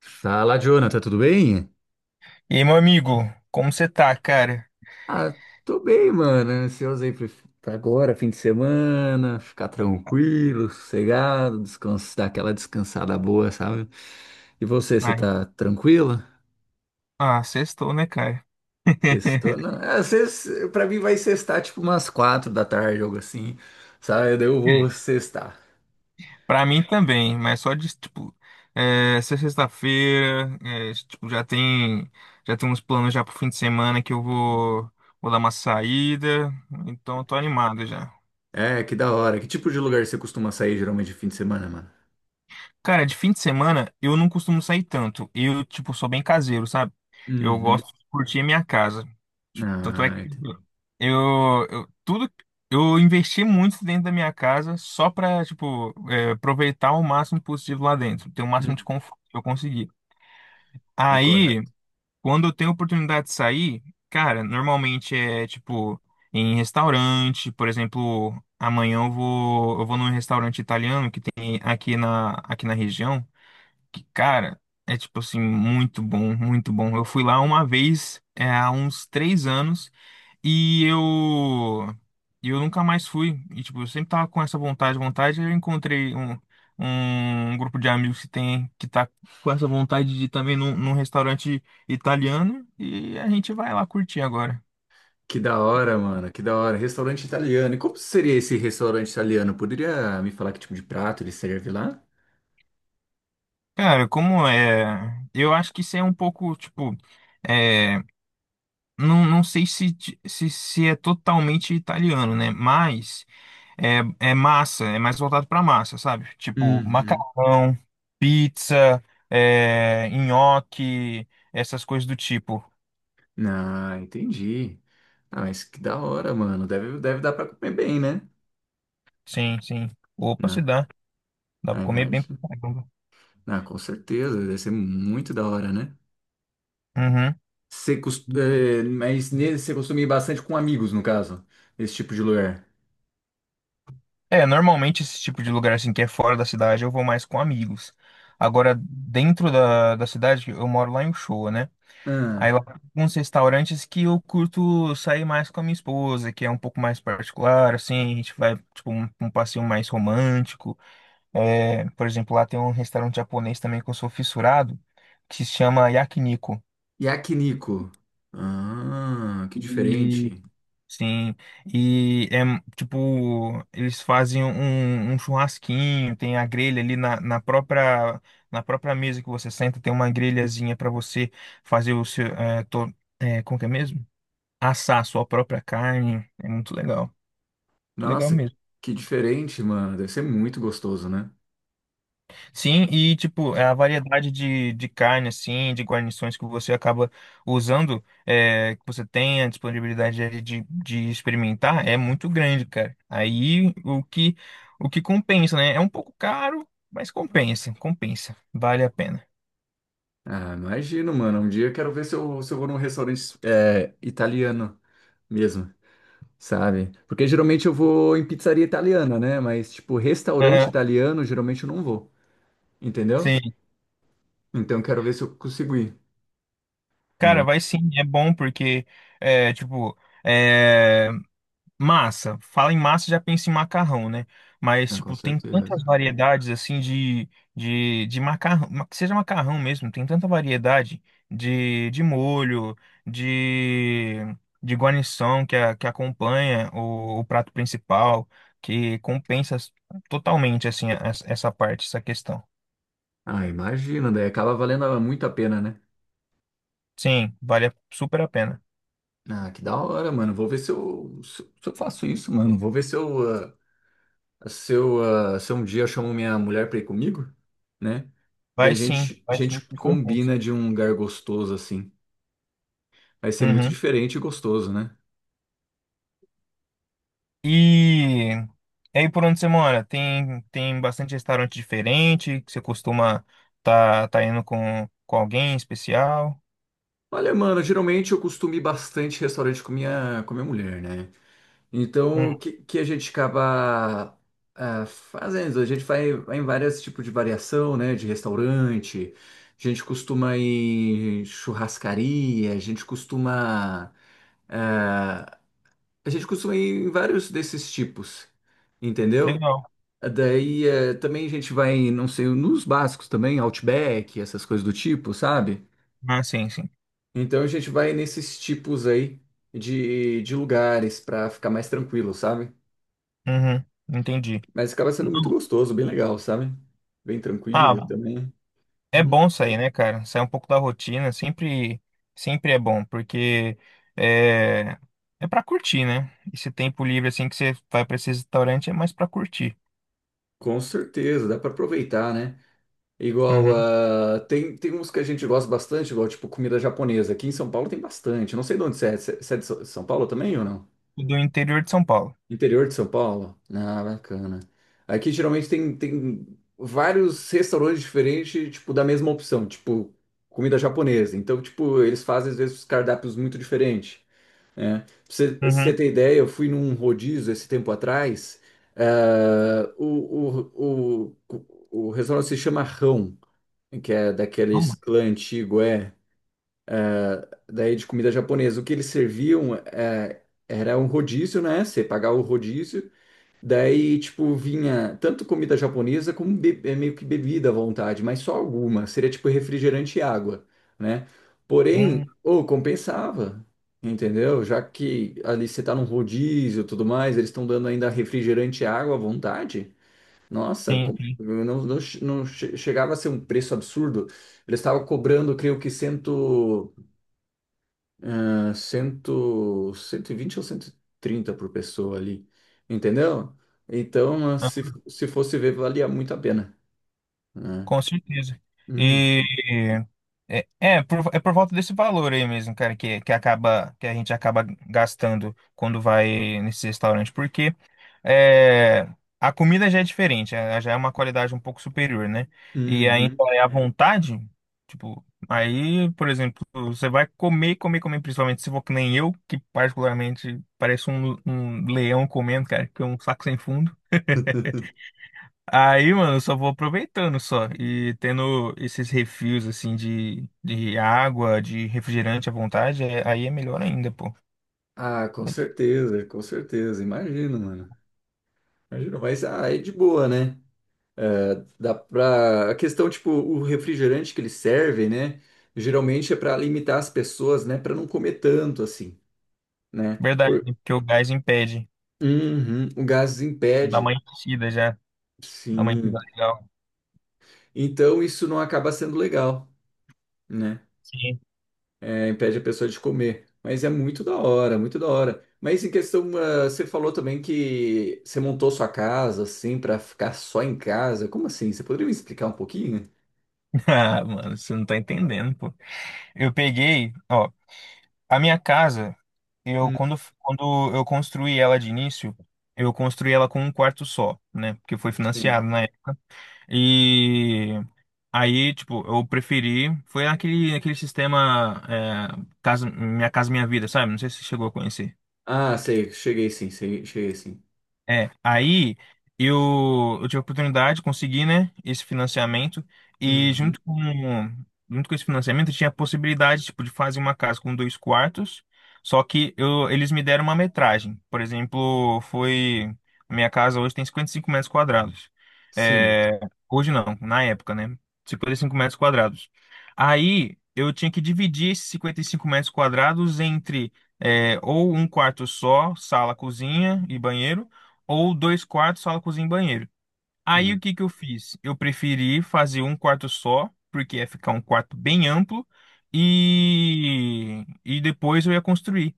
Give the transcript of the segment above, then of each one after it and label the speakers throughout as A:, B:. A: Fala, Jonathan, tudo bem?
B: E aí, meu amigo, como você tá, cara?
A: Ah, Tô bem, mano. Ansioso aí pra agora, fim de semana, ficar tranquilo, sossegado, descansar, dar aquela descansada boa, sabe? E você
B: Ai,
A: tá tranquilo?
B: ah, sextou, né, cara?
A: Sextou? Não, é, pra mim vai sextar tipo umas 4 da tarde, algo assim, sabe? Daí eu vou sextar.
B: Pra mim também, mas só de, tipo, essa sexta-feira, é, tipo, já tem uns planos já pro fim de semana que eu vou dar uma saída, então eu tô animado já.
A: É, que da hora. Que tipo de lugar você costuma sair geralmente de fim de semana, mano?
B: Cara, de fim de semana eu não costumo sair tanto. Eu, tipo, sou bem caseiro, sabe? Eu
A: Uhum.
B: gosto de curtir a minha casa. Tipo, tanto é
A: Ah,
B: que
A: ent-
B: eu tudo eu investi muito dentro da minha casa só pra, tipo, aproveitar o máximo possível lá dentro, ter o máximo de
A: Hum,
B: conforto que eu conseguir.
A: tô
B: Aí,
A: correto.
B: quando eu tenho oportunidade de sair, cara, normalmente é tipo em restaurante. Por exemplo, amanhã eu vou num restaurante italiano que tem aqui na região que, cara, é tipo assim, muito bom, muito bom. Eu fui lá uma vez, é, há uns 3 anos, e eu, e eu nunca mais fui. E, tipo, eu sempre tava com essa vontade, vontade, e eu encontrei um grupo de amigos que tá com essa vontade de ir também num restaurante italiano, e a gente vai lá curtir agora.
A: Que da hora, mano, que da hora. Restaurante italiano. E como seria esse restaurante italiano? Poderia me falar que tipo de prato ele serve lá?
B: Cara, como é. Eu acho que isso é um pouco, tipo. É, não, não sei se é totalmente italiano, né? Mas. É, é massa, é mais voltado pra massa, sabe? Tipo,
A: Uhum.
B: macarrão, pizza, nhoque, essas coisas do tipo.
A: Ah, entendi. Ah, mas que da hora, mano. Deve dar pra comer bem, né?
B: Sim, sim. Opa, se
A: Na,
B: dá. Dá pra
A: ah,
B: comer bem
A: imagina.
B: pra caramba.
A: Ah, com certeza. Deve ser muito da hora, né?
B: Uhum.
A: Você cos- eh, mas ne- Você costuma ir bastante com amigos, no caso, esse tipo de lugar.
B: Normalmente esse tipo de lugar assim que é fora da cidade eu vou mais com amigos. Agora, dentro da cidade, eu moro lá em Uchoa, né? Aí
A: Ah,
B: lá tem uns restaurantes que eu curto sair mais com a minha esposa, que é um pouco mais particular, assim. A gente vai, tipo, um passeio mais romântico. Por exemplo, lá tem um restaurante japonês também que eu sou fissurado, que se chama Yakiniku.
A: yakiniku. Ah, que
B: E
A: diferente.
B: sim, e é tipo, eles fazem um churrasquinho, tem a grelha ali na própria mesa que você senta, tem uma grelhazinha para você fazer o seu como que é mesmo? Assar a sua própria carne. É muito legal
A: Nossa,
B: mesmo.
A: que diferente, mano. Deve ser muito gostoso, né?
B: Sim, e tipo, é a variedade de carne, assim, de guarnições que você acaba usando, que você tem a disponibilidade ali de experimentar, é muito grande, cara. Aí o que compensa, né? É um pouco caro, mas compensa, compensa, vale a pena.
A: Ah, imagino, mano. Um dia eu quero ver se eu, vou num restaurante é, italiano mesmo, sabe? Porque geralmente eu vou em pizzaria italiana, né? Mas, tipo, restaurante
B: Aham,
A: italiano, geralmente eu não vou, entendeu?
B: sim,
A: Então eu quero ver se eu consigo ir,
B: cara,
A: né?
B: vai sim, é bom porque, tipo, eh, massa, fala em massa, já pensa em macarrão, né? Mas,
A: Ah, com
B: tipo, tem tantas
A: certeza.
B: variedades, assim, de macarrão, que seja macarrão mesmo, tem tanta variedade de molho, de, de guarnição que acompanha o prato principal, que compensa totalmente, assim, essa parte, essa questão.
A: Ah, imagino, daí acaba valendo muito a pena, né?
B: Sim, vale super a pena.
A: Ah, que da hora, mano. Vou ver se eu, se eu faço isso, mano. Vou ver se eu, ah, se eu, ah, se um dia eu chamo minha mulher pra ir comigo, né? Daí a
B: Vai
A: gente
B: sim que compensa.
A: combina de um lugar gostoso assim. Vai ser muito
B: Uhum.
A: diferente e gostoso, né?
B: E, e aí, por onde você mora? Tem bastante restaurante diferente que você costuma tá indo com alguém especial?
A: Olha, mano, geralmente eu costumo ir bastante restaurante com minha mulher, né?
B: Hum,
A: Então, que a gente acaba ah, fazendo? A gente vai em vários tipos de variação, né? De restaurante, a gente costuma ir em churrascaria, a gente costuma. Ah, a gente costuma ir em vários desses tipos, entendeu?
B: legal.
A: Daí eh, também a gente vai, em, não sei, nos básicos também, Outback, essas coisas do tipo, sabe?
B: Ah, sim, sim.
A: Então a gente vai nesses tipos aí de lugares pra ficar mais tranquilo, sabe?
B: Uhum, entendi.
A: Mas acaba sendo muito gostoso, bem legal, sabe? Bem tranquilo
B: Ah,
A: também.
B: é
A: Hum,
B: bom sair, né, cara? Sair um pouco da rotina, sempre, sempre é bom, porque é, é para curtir, né? Esse tempo livre assim que você vai para esse restaurante é mais para curtir.
A: Com certeza, dá pra aproveitar, né? Igual,
B: Uhum.
A: ah, tem, tem uns que a gente gosta bastante, igual tipo comida japonesa. Aqui em São Paulo tem bastante. Não sei de onde você é. Você é de São Paulo também ou não?
B: Do interior de São Paulo.
A: Interior de São Paulo? Ah, bacana. Aqui geralmente tem, tem vários restaurantes diferentes, tipo, da mesma opção, tipo, comida japonesa. Então, tipo, eles fazem às vezes cardápios muito diferentes, né? Pra
B: Uhum.
A: você ter ideia, eu fui num rodízio esse tempo atrás. Ah, o restaurante se chama Rão, que é
B: Bom,
A: daqueles clã antigo, é, daí de comida japonesa. O que eles serviam é, era um rodízio, né? Você pagava o rodízio. Daí, tipo, vinha tanto comida japonesa como é, meio que bebida à vontade, mas só alguma. Seria tipo refrigerante e água, né?
B: hum,
A: Porém, ô, compensava, entendeu? Já que ali você tá num rodízio e tudo mais, eles estão dando ainda refrigerante e água à vontade. Nossa,
B: sim, sim.
A: não, não, não chegava a ser um preço absurdo. Eles estavam cobrando, creio que cento ah, 100, 120 ou 130 por pessoa ali, entendeu? Então, ah, se fosse ver, valia muito a pena, né?
B: Com certeza.
A: Hum,
B: E por volta desse valor aí mesmo, cara, que acaba que a gente acaba gastando quando vai nesse restaurante, porque é, a comida já é diferente, já é uma qualidade um pouco superior, né? E aí
A: uhum.
B: então, é à vontade, tipo, aí, por exemplo, você vai comer, comer, comer, principalmente se for que nem eu, que particularmente parece um leão comendo, cara, que é um saco sem fundo. Aí, mano, eu só vou aproveitando só e tendo esses refis assim de água, de refrigerante à vontade, aí é melhor ainda, pô.
A: Ah, com certeza, com certeza. Imagino, mano. Imagino, mas ah, é de boa, né? É, dá pra... A questão, tipo, o refrigerante que eles servem, né? Geralmente é para limitar as pessoas, né? Para não comer tanto, assim, né?
B: Verdade,
A: Por...
B: né? Porque o gás impede.
A: Uhum, o gás
B: Dá uma
A: impede.
B: enchida já, dá uma
A: Sim.
B: enchida legal.
A: Então isso não acaba sendo legal, né?
B: Sim.
A: É, impede a pessoa de comer. Mas é muito da hora, muito da hora. Mas em questão, ah, você falou também que você montou sua casa assim pra ficar só em casa. Como assim? Você poderia me explicar um pouquinho?
B: Ah, mano, você não tá entendendo, pô. Eu peguei, ó, a minha casa, eu
A: Hum,
B: quando eu construí ela de início, eu construí ela com um quarto só, né? Porque foi
A: sim.
B: financiado, né? E aí, tipo, eu preferi. Foi naquele sistema casa, Minha Casa Minha Vida, sabe? Não sei se você chegou a conhecer.
A: Ah, sei, cheguei sim, cheguei sim.
B: Aí eu tive a oportunidade de conseguir, né, esse financiamento e
A: Uhum.
B: junto com esse financiamento eu tinha a possibilidade, tipo, de fazer uma casa com dois quartos, só que eles me deram uma metragem. Por exemplo, a minha casa hoje tem 55 m².
A: Sim.
B: É, hoje não, na época, né, 55 m². Aí eu tinha que dividir esses 55 m² entre ou um quarto só, sala, cozinha e banheiro, ou dois quartos, sala, cozinha e banheiro. Aí o
A: Uhum.
B: que que eu fiz? Eu preferi fazer um quarto só, porque ia ficar um quarto bem amplo, e depois eu ia construir.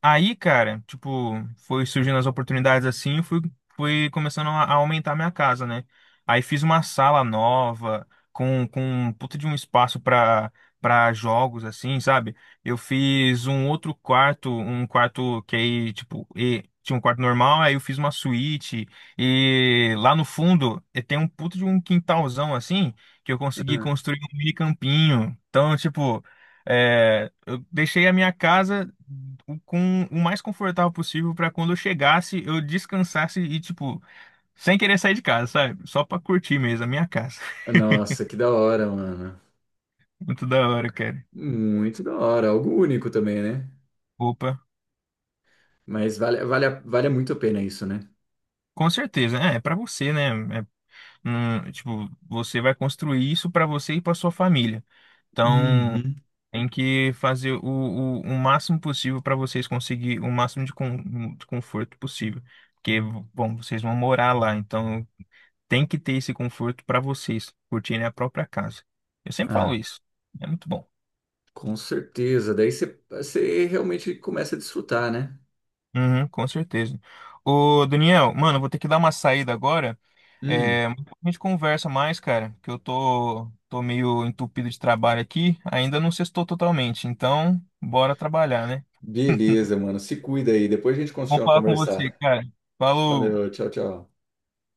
B: Aí, cara, tipo, foi surgindo as oportunidades assim, fui começando a aumentar minha casa, né? Aí fiz uma sala nova, com um puta de um espaço pra jogos, assim, sabe? Eu fiz um outro quarto, um quarto que aí, tipo, tinha um quarto normal, aí eu fiz uma suíte, e lá no fundo e tem um puta de um quintalzão, assim, que eu consegui
A: Ah,
B: construir um mini campinho. Então, tipo. Eu deixei a minha casa com o mais confortável possível para quando eu chegasse, eu descansasse e, tipo, sem querer sair de casa, sabe? Só pra curtir mesmo a minha casa.
A: nossa, que da hora, mano.
B: Muito da hora, cara.
A: Muito da hora, algo único também, né?
B: Opa.
A: Mas vale, vale muito a pena isso, né?
B: Com certeza, é para você, né? Tipo, você vai construir isso para você e para sua família. Então,
A: Uhum.
B: tem que fazer o máximo possível para vocês conseguir o máximo de conforto possível. Porque, bom, vocês vão morar lá, então tem que ter esse conforto para vocês curtirem a própria casa. Eu sempre falo
A: Ah,
B: isso. É muito bom.
A: com certeza. Daí você realmente começa a desfrutar, né?
B: Uhum, com certeza. Ô, Daniel, mano, eu vou ter que dar uma saída agora.
A: Hum,
B: Mas a gente conversa mais, cara, que eu tô meio entupido de trabalho aqui. Ainda não sextou totalmente. Então, bora trabalhar, né?
A: beleza, mano. Se cuida aí. Depois a gente
B: Vamos
A: continua a
B: falar com você,
A: conversar.
B: cara. Falou!
A: Valeu, tchau, tchau.